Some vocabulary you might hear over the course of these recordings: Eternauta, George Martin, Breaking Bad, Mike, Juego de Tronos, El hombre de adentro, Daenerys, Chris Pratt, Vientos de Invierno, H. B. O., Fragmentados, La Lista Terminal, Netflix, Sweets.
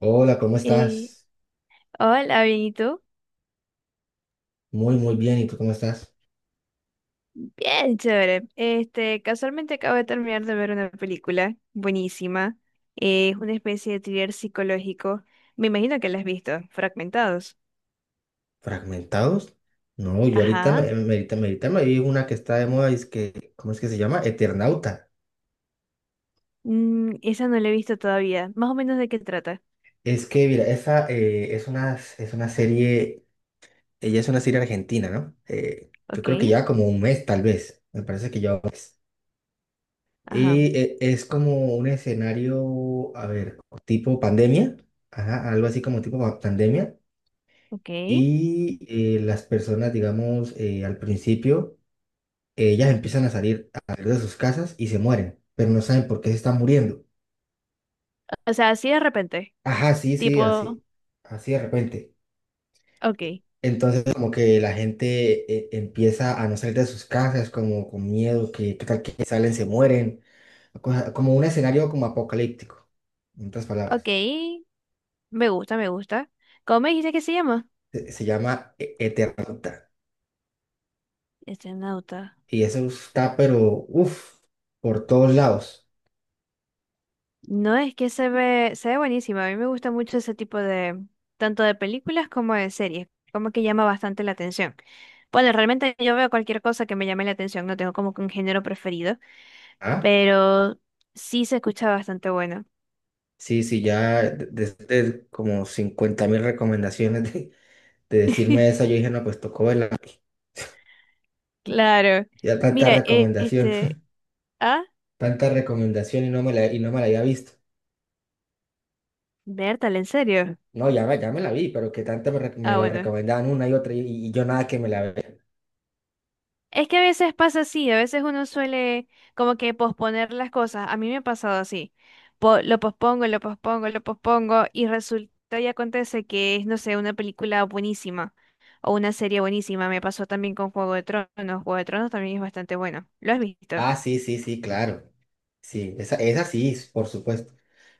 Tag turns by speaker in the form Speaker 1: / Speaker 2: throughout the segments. Speaker 1: Hola, ¿cómo
Speaker 2: Eh,
Speaker 1: estás?
Speaker 2: Hola, bien, ¿y tú?
Speaker 1: Muy, muy bien. ¿Y tú cómo estás?
Speaker 2: Bien, chévere. Este, casualmente acabo de terminar de ver una película buenísima. Es una especie de thriller psicológico. Me imagino que la has visto, Fragmentados.
Speaker 1: ¿Fragmentados? No, yo ahorita
Speaker 2: Ajá.
Speaker 1: ahorita me vi una que está de moda, es que, ¿cómo es que se llama? Eternauta.
Speaker 2: Esa no la he visto todavía. Más o menos de qué trata.
Speaker 1: Es que, mira, esa es una serie, ella es una serie argentina, ¿no? Yo
Speaker 2: Ok.
Speaker 1: creo que lleva como un mes, tal vez. Me parece que lleva un mes.
Speaker 2: Ajá.
Speaker 1: Y es como un escenario, a ver, tipo pandemia, ajá, algo así como pandemia.
Speaker 2: Ok.
Speaker 1: Y las personas, digamos, al principio ellas empiezan a salir de sus casas y se mueren, pero no saben por qué se están muriendo.
Speaker 2: O sea, así de repente.
Speaker 1: Ajá, sí, sí,
Speaker 2: Tipo,
Speaker 1: así, así de repente.
Speaker 2: ok.
Speaker 1: Entonces como que la gente empieza a no salir de sus casas, como con miedo, que qué tal que salen, se mueren, como un escenario como apocalíptico, en otras
Speaker 2: Ok.
Speaker 1: palabras.
Speaker 2: Me gusta, me gusta. ¿Cómo me dijiste que se llama?
Speaker 1: Se llama Eternauta
Speaker 2: Este nota.
Speaker 1: y eso está, pero, uff, por todos lados.
Speaker 2: No, es que se ve buenísima. A mí me gusta mucho ese tipo de, tanto de películas como de series, como que llama bastante la atención. Bueno, realmente yo veo cualquier cosa que me llame la atención, no tengo como que un género preferido,
Speaker 1: ¿Ah?
Speaker 2: pero sí se escucha bastante bueno.
Speaker 1: Sí, sí, ya desde como 50.000 recomendaciones de decirme eso, yo dije, no, pues tocó verla, porque
Speaker 2: Claro.
Speaker 1: ya tanta
Speaker 2: Mira,
Speaker 1: recomendación,
Speaker 2: este, ah,
Speaker 1: tanta recomendación y no me la había visto.
Speaker 2: Bertal, ¿en serio?
Speaker 1: No, ya me la vi, pero que tanto me
Speaker 2: Ah,
Speaker 1: lo
Speaker 2: bueno.
Speaker 1: recomendaban una y otra, y yo nada que me la vea.
Speaker 2: Es que a veces pasa así, a veces uno suele como que posponer las cosas. A mí me ha pasado así. Lo pospongo, lo pospongo, lo pospongo y resulta y acontece que es, no sé, una película buenísima o una serie buenísima. Me pasó también con Juego de Tronos. Juego de Tronos también es bastante bueno. ¿Lo has visto?
Speaker 1: Ah, sí, sí, sí, claro. Sí, esa sí, por supuesto.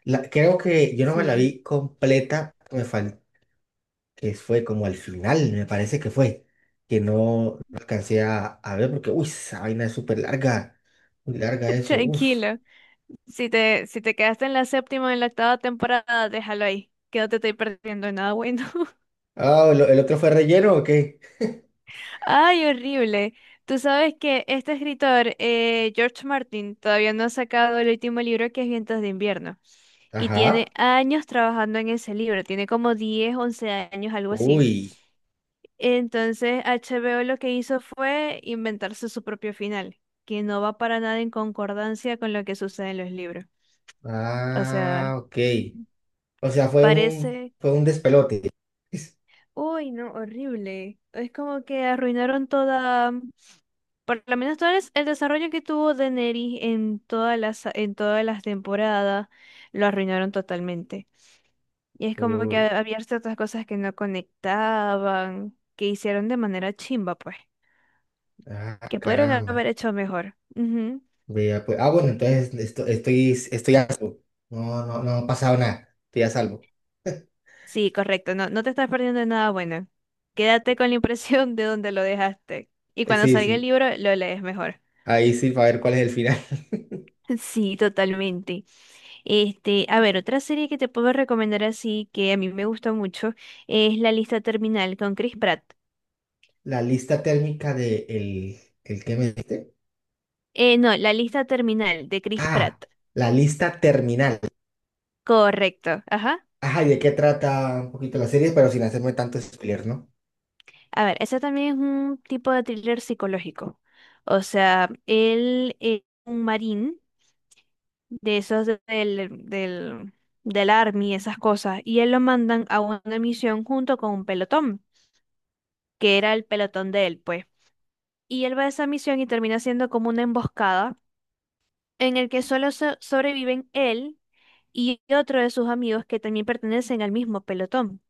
Speaker 1: La, creo que yo no me la
Speaker 2: Sí.
Speaker 1: vi completa, que fue como al final, me parece que fue, que no alcancé a ver porque, uy, esa vaina es súper larga, muy larga eso, uff.
Speaker 2: Tranquilo. Si te, si te quedaste en la séptima o en la octava temporada, déjalo ahí, que no te estoy perdiendo nada bueno.
Speaker 1: Ah, el otro fue relleno o qué?
Speaker 2: Ay, horrible. Tú sabes que este escritor, George Martin, todavía no ha sacado el último libro que es Vientos de Invierno. Y tiene
Speaker 1: Ajá.
Speaker 2: años trabajando en ese libro, tiene como 10, 11 años, algo así.
Speaker 1: Uy.
Speaker 2: Entonces, HBO lo que hizo fue inventarse su propio final, que no va para nada en concordancia con lo que sucede en los libros. O
Speaker 1: Ah,
Speaker 2: sea,
Speaker 1: ok. O sea,
Speaker 2: parece...
Speaker 1: fue un despelote.
Speaker 2: Uy, no, horrible. Es como que arruinaron toda... Por lo menos el desarrollo que tuvo Daenerys en todas las temporadas lo arruinaron totalmente. Y es como que
Speaker 1: Uy.
Speaker 2: había ciertas cosas que no conectaban, que hicieron de manera chimba, pues,
Speaker 1: Ah,
Speaker 2: que pudieron
Speaker 1: caramba.
Speaker 2: haber hecho mejor. Ujú.
Speaker 1: Vea, pues. Ah, bueno, entonces estoy, estoy a salvo. No, no, no ha pasado nada. Estoy a salvo.
Speaker 2: Sí, correcto, no, no te estás perdiendo de nada bueno. Quédate con la impresión de donde lo dejaste. Y cuando
Speaker 1: Sí,
Speaker 2: salga el
Speaker 1: sí.
Speaker 2: libro, lo lees mejor.
Speaker 1: Ahí sí, para ver cuál es el final.
Speaker 2: Sí, totalmente. Este, a ver, otra serie que te puedo recomendar así, que a mí me gusta mucho, es La Lista Terminal con Chris Pratt.
Speaker 1: La lista térmica de el que me diste.
Speaker 2: No, La Lista Terminal de Chris
Speaker 1: Ah,
Speaker 2: Pratt.
Speaker 1: la lista terminal.
Speaker 2: Correcto, ajá.
Speaker 1: Ajá, ¿y de qué trata un poquito la serie? Pero sin hacerme tanto spoiler, ¿no?
Speaker 2: A ver, ese también es un tipo de thriller psicológico. O sea, él es un marín de esos del Army, esas cosas, y él lo mandan a una misión junto con un pelotón, que era el pelotón de él, pues. Y él va a esa misión y termina siendo como una emboscada en el que solo sobreviven él y otro de sus amigos que también pertenecen al mismo pelotón.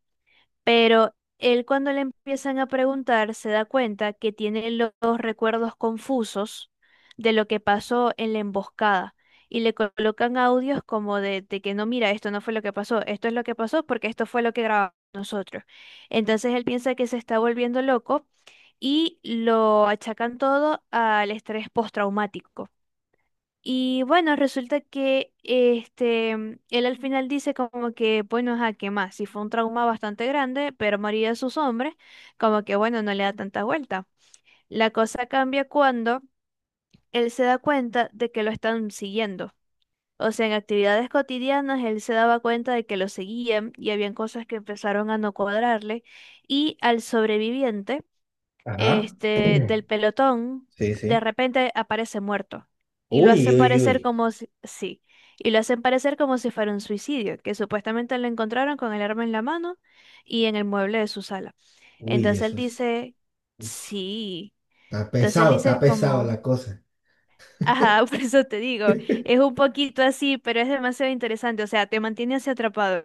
Speaker 2: Pero él cuando le empiezan a preguntar se da cuenta que tiene los recuerdos confusos de lo que pasó en la emboscada. Y le colocan audios como de que no, mira, esto no fue lo que pasó, esto es lo que pasó porque esto fue lo que grabamos nosotros. Entonces él piensa que se está volviendo loco y lo achacan todo al estrés postraumático. Y bueno, resulta que este, él al final dice como que, bueno, ajá, ¿qué más? Si fue un trauma bastante grande, pero María sus hombres, como que, bueno, no le da tanta vuelta. La cosa cambia cuando él se da cuenta de que lo están siguiendo. O sea, en actividades cotidianas él se daba cuenta de que lo seguían y habían cosas que empezaron a no cuadrarle. Y al sobreviviente
Speaker 1: Ajá.
Speaker 2: este, del pelotón,
Speaker 1: Sí,
Speaker 2: de
Speaker 1: sí.
Speaker 2: repente aparece muerto. Y lo
Speaker 1: Uy,
Speaker 2: hacen
Speaker 1: uy, uy.
Speaker 2: parecer como si, sí, y lo hacen parecer como si fuera un suicidio, que supuestamente lo encontraron con el arma en la mano y en el mueble de su sala.
Speaker 1: Uy,
Speaker 2: Entonces él
Speaker 1: eso es.
Speaker 2: dice,
Speaker 1: Uf,
Speaker 2: sí. Entonces él
Speaker 1: está
Speaker 2: dice
Speaker 1: pesado
Speaker 2: como...
Speaker 1: la cosa.
Speaker 2: Ajá, por eso te digo, es un poquito así, pero es demasiado interesante, o sea, te mantiene así atrapado.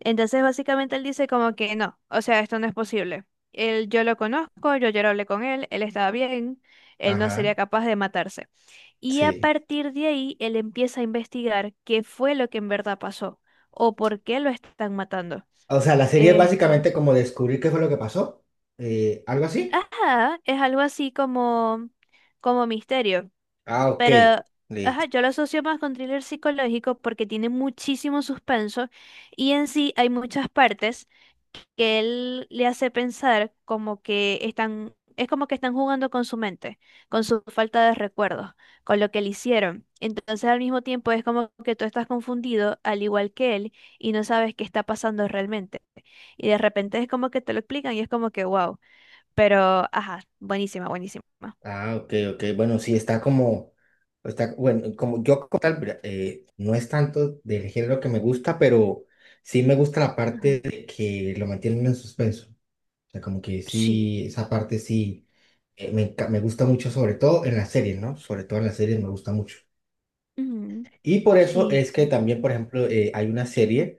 Speaker 2: Entonces, básicamente él dice como que no, o sea, esto no es posible. Él, yo lo conozco, yo ya hablé con él, él estaba bien, él no sería
Speaker 1: Ajá,
Speaker 2: capaz de matarse. Y a
Speaker 1: sí.
Speaker 2: partir de ahí, él empieza a investigar qué fue lo que en verdad pasó o por qué lo están matando.
Speaker 1: O sea, la serie es
Speaker 2: Este,
Speaker 1: básicamente como descubrir qué fue lo que pasó. Algo así.
Speaker 2: ajá, es algo así como, como misterio.
Speaker 1: Ah, ok.
Speaker 2: Pero, ajá,
Speaker 1: Listo.
Speaker 2: yo lo asocio más con thriller psicológico porque tiene muchísimo suspenso y en sí hay muchas partes que él le hace pensar como que están, es como que están jugando con su mente, con su falta de recuerdos, con lo que le hicieron. Entonces al mismo tiempo es como que tú estás confundido al igual que él y no sabes qué está pasando realmente. Y de repente es como que te lo explican y es como que wow, pero ajá, buenísima, buenísima.
Speaker 1: Ah, ok, ok. Bueno, sí, está como, está, bueno, como yo como tal, mira, no es tanto del género que me gusta, pero sí me gusta la
Speaker 2: Ajá.
Speaker 1: parte de que lo mantienen en suspenso. O sea, como que
Speaker 2: Sí.
Speaker 1: sí, esa parte sí, me gusta mucho, sobre todo en las series, ¿no? Sobre todo en las series me gusta mucho.
Speaker 2: Ujú.
Speaker 1: Y por eso
Speaker 2: Sí.
Speaker 1: es que también, por ejemplo, hay una serie,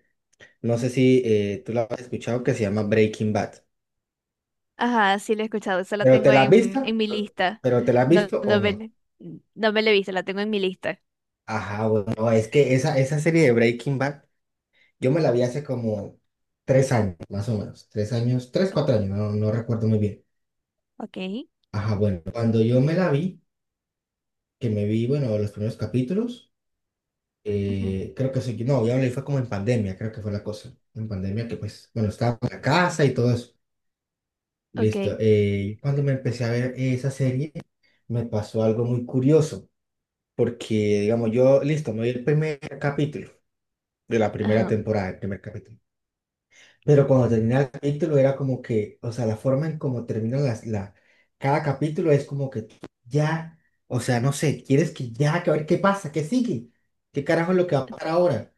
Speaker 1: no sé si tú la has escuchado, que se llama Breaking Bad.
Speaker 2: Ajá, sí la he escuchado. Esa la
Speaker 1: ¿Pero te
Speaker 2: tengo
Speaker 1: la has
Speaker 2: en,
Speaker 1: visto?
Speaker 2: en mi lista.
Speaker 1: ¿Pero te la has
Speaker 2: No,
Speaker 1: visto o
Speaker 2: no,
Speaker 1: no?
Speaker 2: no me la he visto, la tengo en mi lista.
Speaker 1: Ajá, bueno, es que esa serie de Breaking Bad, yo me la vi hace como tres años, más o menos. Tres años, tres,
Speaker 2: O-
Speaker 1: cuatro años, no, no recuerdo muy bien.
Speaker 2: Ok.
Speaker 1: Ajá, bueno, cuando yo me la vi, que me vi, bueno, los primeros capítulos,
Speaker 2: Ujú.
Speaker 1: creo que sí, no, ya me la vi fue como en pandemia, creo que fue la cosa. En pandemia que, pues, bueno, estaba en la casa y todo eso.
Speaker 2: Ok.
Speaker 1: Listo. Cuando me empecé a ver esa serie, me pasó algo muy curioso, porque, digamos, yo, listo, me vi el primer capítulo de la primera
Speaker 2: Ajá.
Speaker 1: temporada, el primer capítulo. Pero cuando termina el capítulo era como que, o sea, la forma en cómo termina la, cada capítulo es como que tú ya, o sea, no sé, quieres que ya, que a ver qué pasa, qué sigue, qué carajo es lo que va a pasar ahora.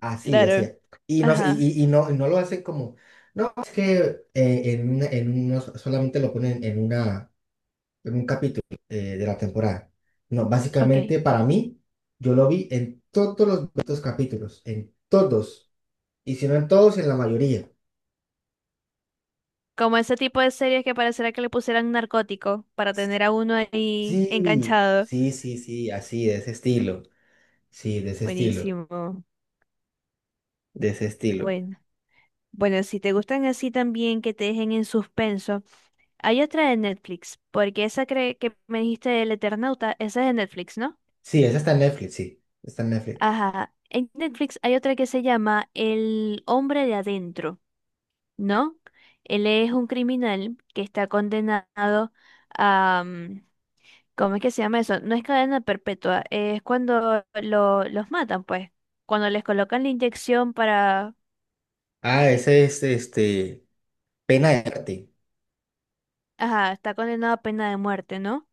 Speaker 1: Así, así.
Speaker 2: Claro.
Speaker 1: Y no, y,
Speaker 2: Ajá.
Speaker 1: y no lo hacen como, no, es que en uno solamente lo ponen en una en un capítulo de la temporada. No,
Speaker 2: Ok.
Speaker 1: básicamente para mí, yo lo vi en todos los 200 capítulos, en todos, y si no en todos, en la mayoría.
Speaker 2: Como ese tipo de series que pareciera que le pusieran narcótico para tener a uno ahí
Speaker 1: Sí,
Speaker 2: enganchado.
Speaker 1: sí, sí, sí, así, de ese estilo. Sí, de ese estilo,
Speaker 2: Buenísimo.
Speaker 1: de ese estilo.
Speaker 2: Bueno. Bueno, si te gustan así también que te dejen en suspenso, hay otra de Netflix, porque esa que me dijiste del Eternauta, esa es de Netflix, ¿no?
Speaker 1: Sí, esa está en Netflix, sí, está en Netflix.
Speaker 2: Ajá. En Netflix hay otra que se llama El hombre de adentro, ¿no? Él es un criminal que está condenado a... ¿Cómo es que se llama eso? No es cadena perpetua, es cuando los matan, pues. Cuando les colocan la inyección para...
Speaker 1: Ah, ese es este, Pena de Arte.
Speaker 2: Ajá, está condenado a pena de muerte, ¿no?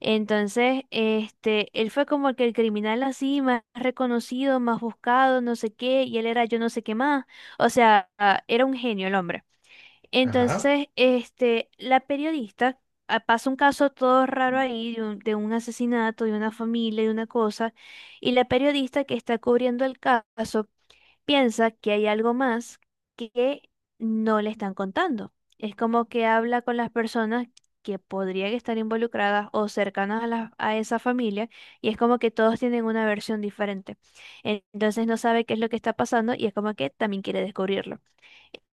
Speaker 2: Entonces, este, él fue como que el criminal así, más reconocido, más buscado, no sé qué, y él era yo no sé qué más. O sea, era un genio el hombre.
Speaker 1: Ajá.
Speaker 2: Entonces, este, la periodista pasa un caso todo raro ahí de un asesinato, de una familia, de una cosa, y la periodista que está cubriendo el caso piensa que hay algo más que no le están contando. Es como que habla con las personas que podrían estar involucradas o cercanas a a esa familia, y es como que todos tienen una versión diferente. Entonces no sabe qué es lo que está pasando y es como que también quiere descubrirlo.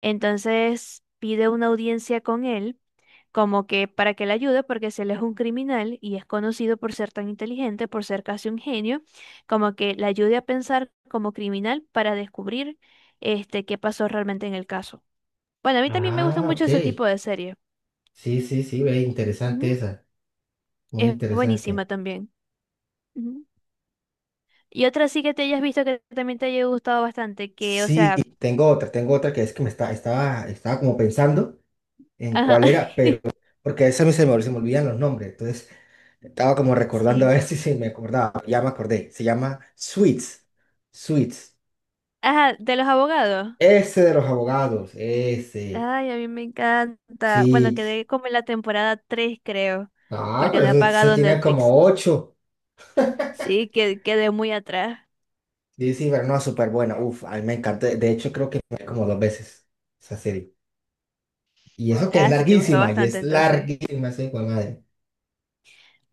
Speaker 2: Entonces pide una audiencia con él, como que para que le ayude, porque si él es un criminal y es conocido por ser tan inteligente, por ser casi un genio, como que le ayude a pensar como criminal para descubrir este qué pasó realmente en el caso. Bueno, a mí también me gustan
Speaker 1: Ah,
Speaker 2: mucho
Speaker 1: ok.
Speaker 2: ese tipo de series.
Speaker 1: Sí, sí, sí, ve, interesante
Speaker 2: Ujú.
Speaker 1: esa, muy
Speaker 2: Es buenísima
Speaker 1: interesante.
Speaker 2: también. Ujú. Y otra sí que te hayas visto que también te haya gustado bastante, que, o
Speaker 1: Sí,
Speaker 2: sea,
Speaker 1: tengo otra que es que estaba, estaba como pensando en
Speaker 2: ajá,
Speaker 1: cuál era, pero porque a veces a mí se me olvidan los nombres, entonces estaba como recordando a
Speaker 2: sí.
Speaker 1: ver si, si me acordaba, ya me acordé, se llama Sweets, Sweets,
Speaker 2: Ajá, de los abogados.
Speaker 1: ese de los abogados, ese,
Speaker 2: Ay, a mí me encanta. Bueno,
Speaker 1: sí,
Speaker 2: quedé como en la temporada 3, creo,
Speaker 1: ah,
Speaker 2: porque
Speaker 1: pero
Speaker 2: no he
Speaker 1: eso
Speaker 2: pagado
Speaker 1: tiene
Speaker 2: Netflix.
Speaker 1: como ocho,
Speaker 2: Sí, que quedé muy atrás.
Speaker 1: dice pero no, súper buena, uf, a mí me encanta, de hecho creo que me vi como dos veces esa serie, y eso que es
Speaker 2: Ah, sí, te gustó
Speaker 1: larguísima, y
Speaker 2: bastante
Speaker 1: es
Speaker 2: entonces.
Speaker 1: larguísima esa hijo de madre.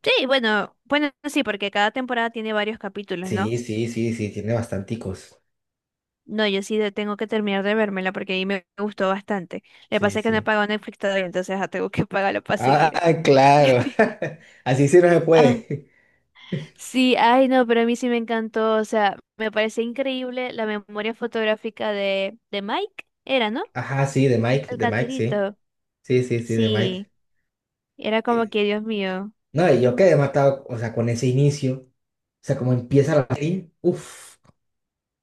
Speaker 2: Sí, bueno, bueno, sí, porque cada temporada tiene varios capítulos, ¿no?
Speaker 1: Sí, sí, sí, sí, tiene bastanticos.
Speaker 2: No, yo sí tengo que terminar de vérmela porque ahí me gustó bastante. Le
Speaker 1: Sí,
Speaker 2: pasa es que no he
Speaker 1: sí.
Speaker 2: pagado Netflix todavía, entonces tengo que pagarlo para
Speaker 1: Ah,
Speaker 2: seguir.
Speaker 1: claro. Así sí no se
Speaker 2: Ah,
Speaker 1: puede.
Speaker 2: sí, ay no, pero a mí sí me encantó, o sea, me parece increíble la memoria fotográfica de, Mike, era, ¿no?
Speaker 1: Ajá, sí,
Speaker 2: El
Speaker 1: de Mike, sí.
Speaker 2: catirito,
Speaker 1: Sí, sí, sí, de Mike.
Speaker 2: sí, era como
Speaker 1: Eh,
Speaker 2: que, Dios mío.
Speaker 1: No, y yo quedé matado, o sea, con ese inicio. O sea, como empieza la serie. Uf,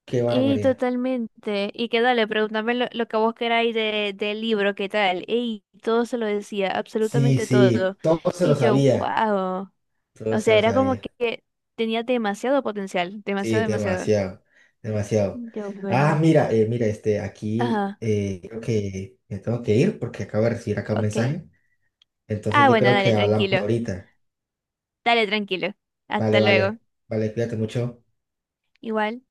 Speaker 1: qué
Speaker 2: Y
Speaker 1: barbaridad.
Speaker 2: totalmente. Y que dale, pregúntame lo que vos queráis del libro, qué tal. Y todo se lo decía,
Speaker 1: Sí,
Speaker 2: absolutamente
Speaker 1: sí,
Speaker 2: todo.
Speaker 1: todo se lo
Speaker 2: Y yo,
Speaker 1: sabía.
Speaker 2: wow.
Speaker 1: Todo
Speaker 2: O
Speaker 1: se
Speaker 2: sea,
Speaker 1: lo
Speaker 2: era como
Speaker 1: sabía.
Speaker 2: que tenía demasiado potencial,
Speaker 1: Sí,
Speaker 2: demasiado, demasiado.
Speaker 1: demasiado, demasiado.
Speaker 2: Yo,
Speaker 1: Ah,
Speaker 2: bueno.
Speaker 1: mira, mira, este, aquí
Speaker 2: Ajá,
Speaker 1: creo que me tengo que ir porque acabo de recibir acá un
Speaker 2: ok.
Speaker 1: mensaje. Entonces
Speaker 2: Ah,
Speaker 1: yo
Speaker 2: bueno,
Speaker 1: creo
Speaker 2: dale,
Speaker 1: que hablamos
Speaker 2: tranquilo.
Speaker 1: ahorita.
Speaker 2: Dale, tranquilo.
Speaker 1: Vale,
Speaker 2: Hasta luego.
Speaker 1: vale, vale, cuídate mucho.
Speaker 2: Igual.